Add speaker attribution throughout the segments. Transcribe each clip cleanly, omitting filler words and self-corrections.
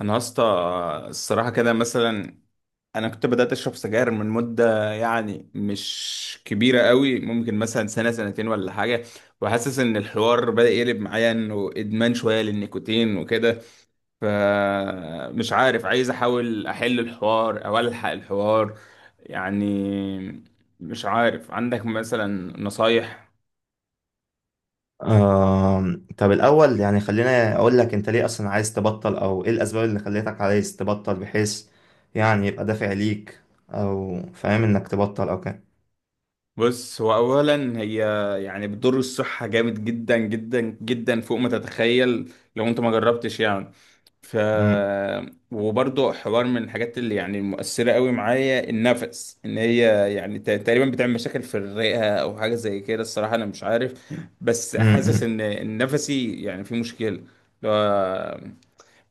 Speaker 1: انا يا اسطى، الصراحه كده مثلا انا كنت بدات اشرب سجاير من مده يعني مش كبيره قوي، ممكن مثلا سنه سنتين ولا حاجه. وحاسس ان الحوار بدا يقلب معايا، انه ادمان شويه للنيكوتين وكده. فمش عارف، عايز احاول احل الحوار او الحق الحوار يعني. مش عارف، عندك مثلا نصايح؟
Speaker 2: طب الأول يعني خلينا أقول لك أنت ليه أصلا عايز تبطل أو إيه الأسباب اللي خلتك عايز تبطل بحيث يعني يبقى دافع ليك أو فاهم إنك تبطل أو كده.
Speaker 1: بص، هو اولا هي يعني بتضر الصحه جامد جدا جدا جدا فوق ما تتخيل لو انت ما جربتش يعني. ف
Speaker 2: أمم،
Speaker 1: وبرضه، حوار من الحاجات اللي يعني مؤثرة قوي معايا، النفس ان هي يعني تقريبا بتعمل مشاكل في الرئة او حاجة زي كده، الصراحة انا مش عارف. بس حاسس
Speaker 2: أمم،
Speaker 1: ان نفسي يعني في مشكلة اللي هو،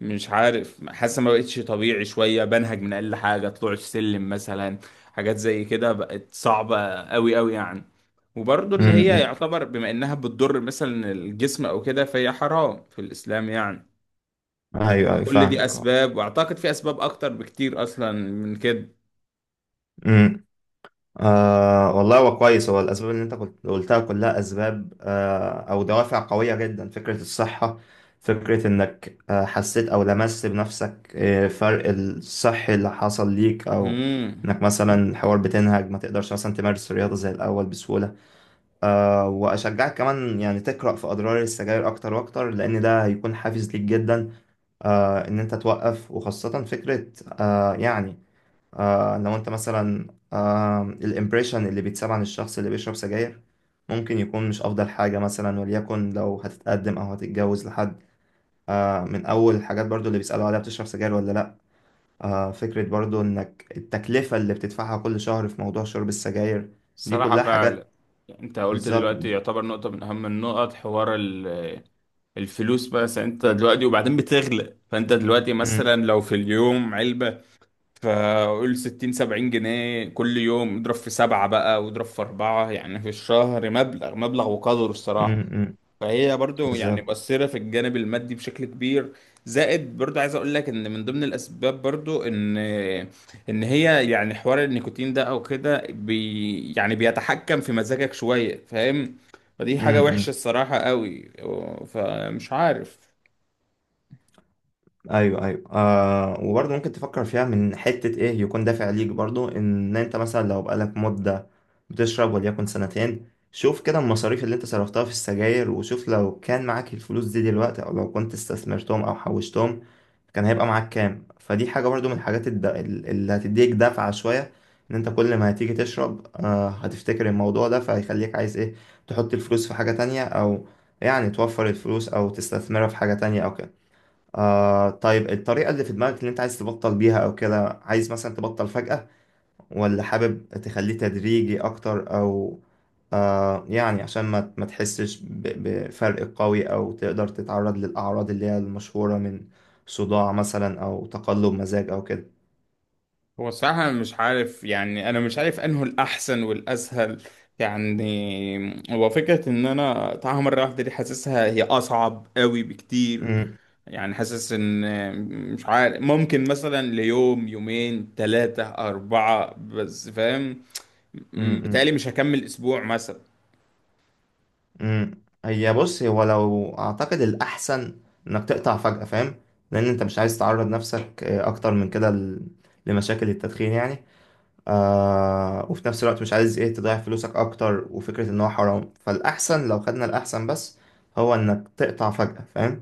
Speaker 1: مش عارف، حاسس ما بقتش طبيعي شوية، بنهج من اقل حاجة طلوع السلم مثلا. حاجات زي كده بقت صعبة قوي قوي يعني. وبرضه ان
Speaker 2: أمم،
Speaker 1: هي
Speaker 2: أمم.
Speaker 1: يعتبر بما انها بتضر مثلا الجسم او كده، فهي حرام في الاسلام يعني.
Speaker 2: أيوه أيوه،
Speaker 1: فكل دي
Speaker 2: فاهمك.
Speaker 1: اسباب، واعتقد في اسباب اكتر بكتير اصلا من كده.
Speaker 2: أه. آه والله، هو كويس. هو الأسباب اللي أنت كنت قلتها كلها أسباب آه أو دوافع قوية جدا. فكرة الصحة، فكرة إنك آه حسيت أو لمست بنفسك آه فرق الصحي اللي حصل ليك، أو
Speaker 1: امم.
Speaker 2: إنك مثلا الحوار بتنهج، ما تقدرش مثلا تمارس الرياضة زي الأول بسهولة. آه، وأشجعك كمان يعني تقرأ في أضرار السجاير أكتر وأكتر، لأن ده هيكون حافز ليك جدا، آه، إن أنت توقف. وخاصة فكرة آه يعني آه لو انت مثلا آه الامبريشن اللي بيتساب عن الشخص اللي بيشرب سجاير، ممكن يكون مش افضل حاجة. مثلا وليكن لو هتتقدم او هتتجوز لحد، آه، من اول الحاجات برضو اللي بيسألوا عليها، بتشرب سجاير ولا لا. آه، فكرة برضو انك التكلفة اللي بتدفعها كل شهر في موضوع شرب السجاير، دي
Speaker 1: الصراحة
Speaker 2: كلها حاجات.
Speaker 1: فعلا. انت قلت
Speaker 2: بالظبط.
Speaker 1: دلوقتي يعتبر نقطة من اهم النقط، حوار الفلوس. بس انت دلوقتي وبعدين بتغلى، فانت دلوقتي
Speaker 2: م-
Speaker 1: مثلا لو في اليوم علبة، فقول 60 70 جنيه كل يوم، اضرب في 7 بقى واضرب في 4 يعني في الشهر، مبلغ وقدره الصراحة.
Speaker 2: م- م-
Speaker 1: فهي برضو يعني
Speaker 2: بالظبط.
Speaker 1: مؤثرة في الجانب المادي بشكل كبير. زائد برضو عايز اقول لك ان من ضمن الاسباب برضو ان هي يعني حوار النيكوتين ده او كده، يعني بيتحكم في مزاجك شوية، فاهم؟ فدي
Speaker 2: م-
Speaker 1: حاجة وحشة
Speaker 2: م.
Speaker 1: الصراحة قوي، فمش عارف.
Speaker 2: ايوه ايوه. آه، وبرضه ممكن تفكر فيها من حتة ايه، يكون دافع ليك برضه ان انت مثلا لو بقالك مدة بتشرب، وليكن سنتين، شوف كده المصاريف اللي انت صرفتها في السجاير، وشوف لو كان معاك الفلوس دي دلوقتي، او لو كنت استثمرتهم او حوشتهم كان هيبقى معاك كام. فدي حاجة برضه من الحاجات اللي هتديك دفعة شوية، ان انت كل ما هتيجي تشرب آه هتفتكر الموضوع ده، فهيخليك عايز ايه تحط الفلوس في حاجة تانية، او يعني توفر الفلوس او تستثمرها في حاجة تانية او كده. آه طيب، الطريقة اللي في دماغك اللي انت عايز تبطل بيها او كده، عايز مثلا تبطل فجأة ولا حابب تخليه تدريجي اكتر؟ او آه يعني عشان ما تحسش بفرق قوي، او تقدر تتعرض للاعراض اللي هي المشهورة من صداع مثلا او تقلب مزاج او كده.
Speaker 1: هو الصراحة أنا مش عارف يعني، أنا مش عارف أنه الأحسن والأسهل. يعني هو فكرة إن أنا أقطعها مرة واحدة دي، حاسسها هي أصعب قوي بكتير.
Speaker 2: مم،
Speaker 1: يعني حاسس إن، مش عارف، ممكن مثلا ليوم يومين تلاتة أربعة بس، فاهم؟
Speaker 2: مم، مم،
Speaker 1: بتهيألي مش هكمل أسبوع مثلا.
Speaker 2: مم. هي بص، هو لو اعتقد الاحسن انك تقطع فجأة، فاهم، لان انت مش عايز تعرض نفسك آه، اكتر من كده لمشاكل التدخين يعني. آه، وفي نفس الوقت مش عايز ايه تضيع فلوسك اكتر، وفكرة ان هو حرام. فالاحسن لو خدنا الاحسن بس، هو انك تقطع فجأة، فاهم.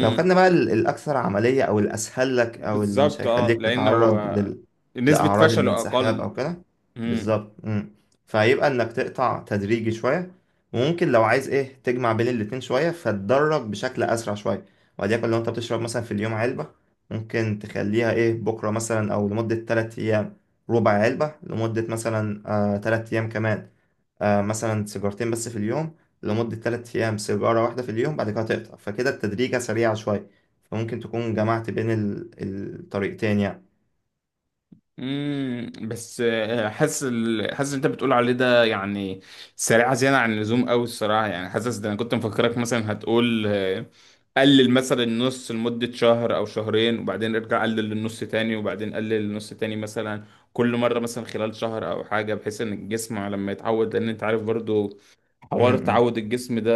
Speaker 2: لو خدنا بقى الأكثر عملية أو الأسهل لك، أو اللي مش
Speaker 1: بالظبط أه،
Speaker 2: هيخليك
Speaker 1: لأن
Speaker 2: تتعرض
Speaker 1: هو
Speaker 2: لل...
Speaker 1: نسبة
Speaker 2: لأعراض
Speaker 1: فشله
Speaker 2: الانسحاب
Speaker 1: أقل.
Speaker 2: أو كده.
Speaker 1: امم،
Speaker 2: بالظبط. مم. فهيبقى إنك تقطع تدريجي شوية، وممكن لو عايز إيه تجمع بين الاتنين شوية، فتدرج بشكل أسرع شوية. وليكن لو أنت بتشرب مثلا في اليوم علبة، ممكن تخليها إيه بكرة مثلا، أو لمدة 3 أيام ربع علبة، لمدة مثلا آه 3 أيام كمان آه، مثلا سيجارتين بس في اليوم، لمدة 3 أيام سيجارة واحدة في اليوم، بعد كده تقطع. فكده التدريجة سريعة شوية، فممكن تكون جمعت بين الطريقتين يعني.
Speaker 1: امم. بس حاسس حاسس انت بتقول عليه ده يعني سريعه زياده عن اللزوم قوي الصراحه. يعني حاسس ده انا كنت مفكرك مثلا هتقول، قلل مثلا النص لمده شهر او شهرين، وبعدين ارجع قلل للنص تاني، وبعدين قلل للنص تاني مثلا. كل مره مثلا خلال شهر او حاجه، بحيث ان الجسم لما يتعود، لان انت عارف برضو حوار
Speaker 2: امم.
Speaker 1: تعود الجسم ده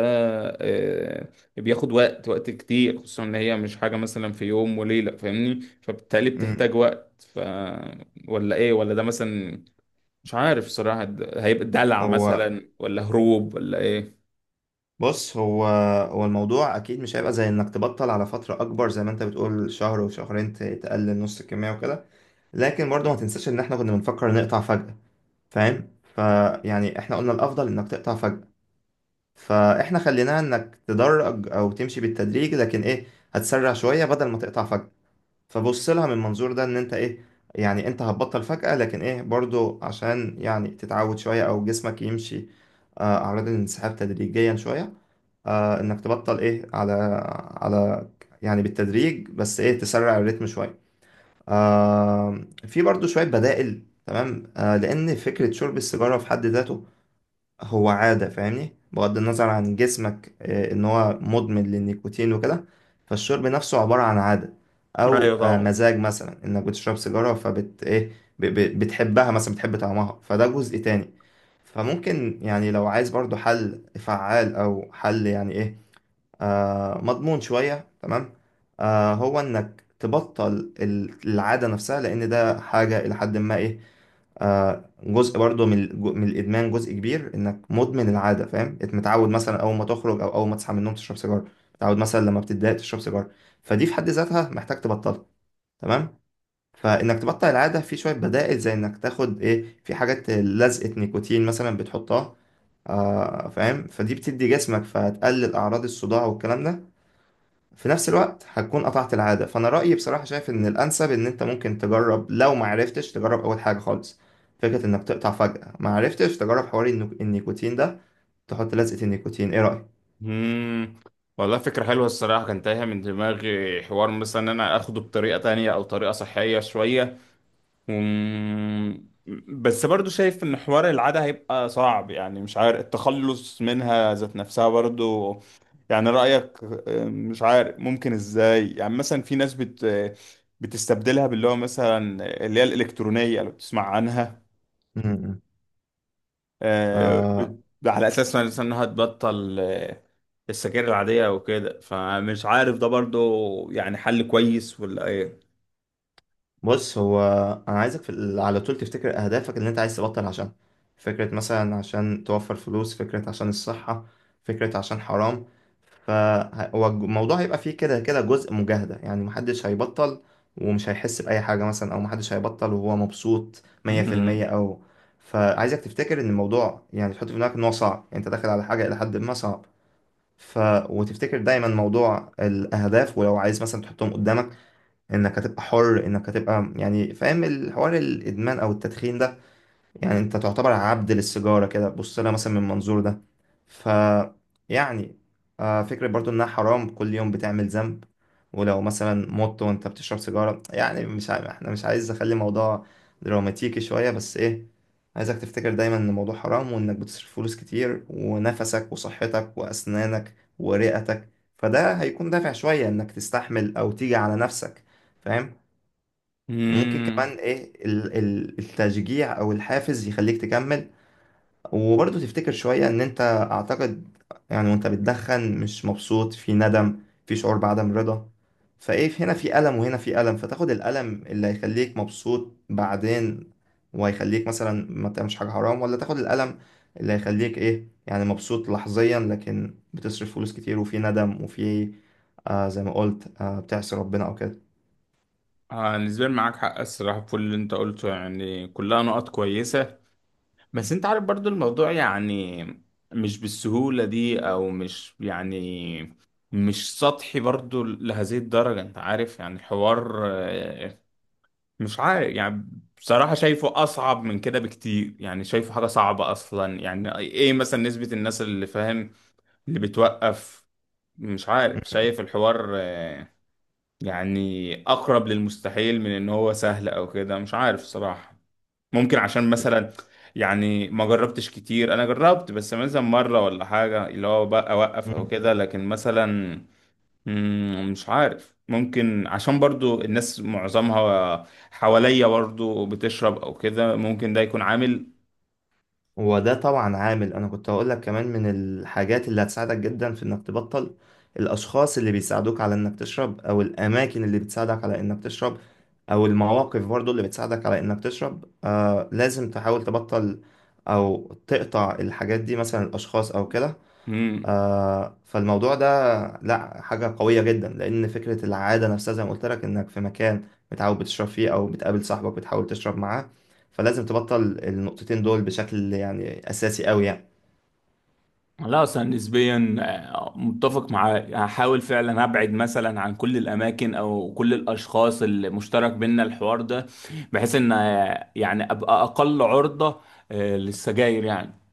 Speaker 1: آه، بياخد وقت، وقت كتير، خصوصا ان هي مش حاجة مثلا في يوم وليلة، فاهمني؟ فبالتالي
Speaker 2: إمم.
Speaker 1: بتحتاج وقت. ولا ايه، ولا ده مثلا، مش عارف صراحة ده هيبقى دلع
Speaker 2: هو
Speaker 1: مثلا ولا هروب ولا ايه؟
Speaker 2: بص هو هو الموضوع أكيد مش هيبقى زي إنك تبطل على فترة أكبر زي ما أنت بتقول شهر وشهرين، تقلل نص الكمية وكده. لكن برضه ما تنساش إن إحنا كنا بنفكر نقطع فجأة، فاهم. فيعني إحنا قلنا الأفضل إنك تقطع فجأة، فاحنا خليناها انك تدرج او تمشي بالتدريج، لكن ايه، هتسرع شوية بدل ما تقطع فجأة. فبص لها من منظور ده، ان انت ايه، يعني انت هتبطل فجأة، لكن ايه برضو عشان يعني تتعود شوية، او جسمك يمشي آه، اعراض الانسحاب تدريجيا شوية. آه، انك تبطل ايه على على يعني بالتدريج، بس ايه تسرع الريتم شوية. آه، في برضو شوية بدائل، تمام. آه، لان فكرة شرب السيجارة في حد ذاته هو عادة، فاهمني، بغض النظر عن جسمك آه، ان هو مدمن للنيكوتين وكده. فالشرب نفسه عبارة عن عادة،
Speaker 1: ايوه
Speaker 2: او آه،
Speaker 1: طبعا.
Speaker 2: مزاج مثلا انك بتشرب سيجارة فبت ايه، بتحبها مثلا، بتحب طعمها، فده جزء تاني. فممكن يعني لو عايز برضو حل فعال، او حل يعني ايه آه مضمون شوية، تمام، آه هو انك تبطل العادة نفسها، لان ده حاجة الى حد ما ايه آه، جزء برضو من من الادمان. جزء كبير انك مدمن العاده، فاهم، انت متعود مثلا اول ما تخرج او اول ما تصحى من النوم تشرب سيجاره، متعود مثلا لما بتتضايق تشرب سيجاره. فدي في حد ذاتها محتاج تبطلها، تمام. فانك تبطل العاده في شويه بدائل، زي انك تاخد ايه في حاجات لزقه نيكوتين مثلا بتحطها آه، فاهم، فدي بتدي جسمك، فتقلل اعراض الصداع والكلام ده. في نفس الوقت هتكون قطعت العادة. فأنا رأيي بصراحة شايف إن الأنسب إن أنت ممكن تجرب، لو ما عرفتش تجرب أول حاجة خالص فكرة إنك تقطع فجأة، ما عرفتش تجرب حوار النيكوتين ده، تحط لزقة النيكوتين، إيه رأيك؟
Speaker 1: امم، والله فكرة حلوة الصراحة، كان تايهة من دماغي حوار مثلا إن انا اخده بطريقة تانية او طريقة صحية شوية. مم. بس برضو شايف ان حوار العادة هيبقى صعب، يعني مش عارف التخلص منها ذات نفسها برضو. يعني رأيك؟ مش عارف ممكن ازاي، يعني مثلا في ناس بتستبدلها باللي هو مثلا اللي هي الإلكترونية، لو بتسمع عنها.
Speaker 2: م-م.
Speaker 1: آه،
Speaker 2: آه
Speaker 1: بت- على أساس مثلا إنها تبطل السجاير العادية أو كده، فمش عارف ده برضو يعني حل كويس ولا إيه؟
Speaker 2: بص، هو أنا عايزك في على طول تفتكر أهدافك اللي أنت عايز تبطل عشان، فكرة مثلا عشان توفر فلوس، فكرة عشان الصحة، فكرة عشان حرام. فالموضوع هيبقى فيه كده كده جزء مجاهدة يعني، محدش هيبطل ومش هيحس بأي حاجة مثلا، أو محدش هيبطل وهو مبسوط 100%
Speaker 1: مم.
Speaker 2: أو. فعايزك تفتكر إن الموضوع يعني، تحط في دماغك إن هو صعب، يعني أنت داخل على حاجة إلى حد ما صعب. ف... وتفتكر دايما موضوع الأهداف، ولو عايز مثلا تحطهم قدامك إنك هتبقى حر، إنك هتبقى يعني فاهم الحوار، الإدمان أو التدخين ده يعني انت تعتبر عبد للسيجارة. كده بص لها مثلا من المنظور ده. ف يعني آه، فكرة برضو انها حرام، كل يوم بتعمل ذنب، ولو مثلا مت وانت بتشرب سيجارة، يعني مش عارف، احنا مش عايز اخلي الموضوع دراماتيكي شوية، بس ايه عايزك تفتكر دايما ان الموضوع حرام، وانك بتصرف فلوس كتير، ونفسك وصحتك واسنانك ورئتك. فده هيكون دافع شوية انك تستحمل او تيجي على نفسك، فاهم. ممكن
Speaker 1: مم.
Speaker 2: كمان ايه التشجيع او الحافز يخليك تكمل. وبرضه تفتكر شوية ان انت اعتقد يعني وانت بتدخن مش مبسوط، في ندم، في شعور بعدم رضا. فايه هنا في ألم وهنا في ألم، فتاخد الألم اللي هيخليك مبسوط بعدين، وهيخليك مثلا ما تعملش حاجة حرام، ولا تاخد الألم اللي هيخليك ايه يعني مبسوط لحظيا، لكن بتصرف فلوس كتير، وفي ندم، وفي آه زي ما قلت آه بتعصي ربنا او كده.
Speaker 1: آه، نسبيا معاك حق الصراحة في كل اللي انت قلته، يعني كلها نقط كويسة. بس انت عارف برضو الموضوع يعني مش بالسهولة دي، او مش يعني مش سطحي برضو لهذه الدرجة، انت عارف يعني الحوار مش عارف يعني. بصراحة شايفه أصعب من كده بكتير، يعني شايفه حاجة صعبة أصلا، يعني إيه مثلا نسبة الناس اللي فاهم، اللي بتوقف؟ مش عارف، شايف الحوار يعني اقرب للمستحيل من ان هو سهل او كده، مش عارف صراحة. ممكن عشان مثلا، يعني ما جربتش كتير، انا جربت بس مثلا مرة ولا حاجة اللي هو بقى اوقف او
Speaker 2: م-
Speaker 1: كده، لكن مثلا مم، مش عارف، ممكن عشان برضو الناس معظمها حواليا برضو بتشرب او كده، ممكن ده يكون عامل.
Speaker 2: هو ده طبعا عامل. انا كنت هقول لك كمان من الحاجات اللي هتساعدك جدا في انك تبطل، الاشخاص اللي بيساعدوك على انك تشرب، او الاماكن اللي بتساعدك على انك تشرب، او المواقف برضو اللي بتساعدك على انك تشرب، آه لازم تحاول تبطل او تقطع الحاجات دي، مثلا الاشخاص او كده.
Speaker 1: مم.
Speaker 2: آه، فالموضوع ده لا، حاجة قوية جدا، لأن فكرة العادة نفسها زي ما قلت لك إنك في مكان متعود بتشرب فيه، أو بتقابل صاحبك بتحاول تشرب معاه، فلازم تبطل النقطتين دول بشكل يعني أساسي أوي يعني.
Speaker 1: لا، اصلا نسبيا متفق معاه، هحاول فعلا ابعد مثلا عن كل الاماكن او كل الاشخاص اللي مشترك بينا الحوار ده، بحيث ان يعني ابقى اقل عرضة للسجاير يعني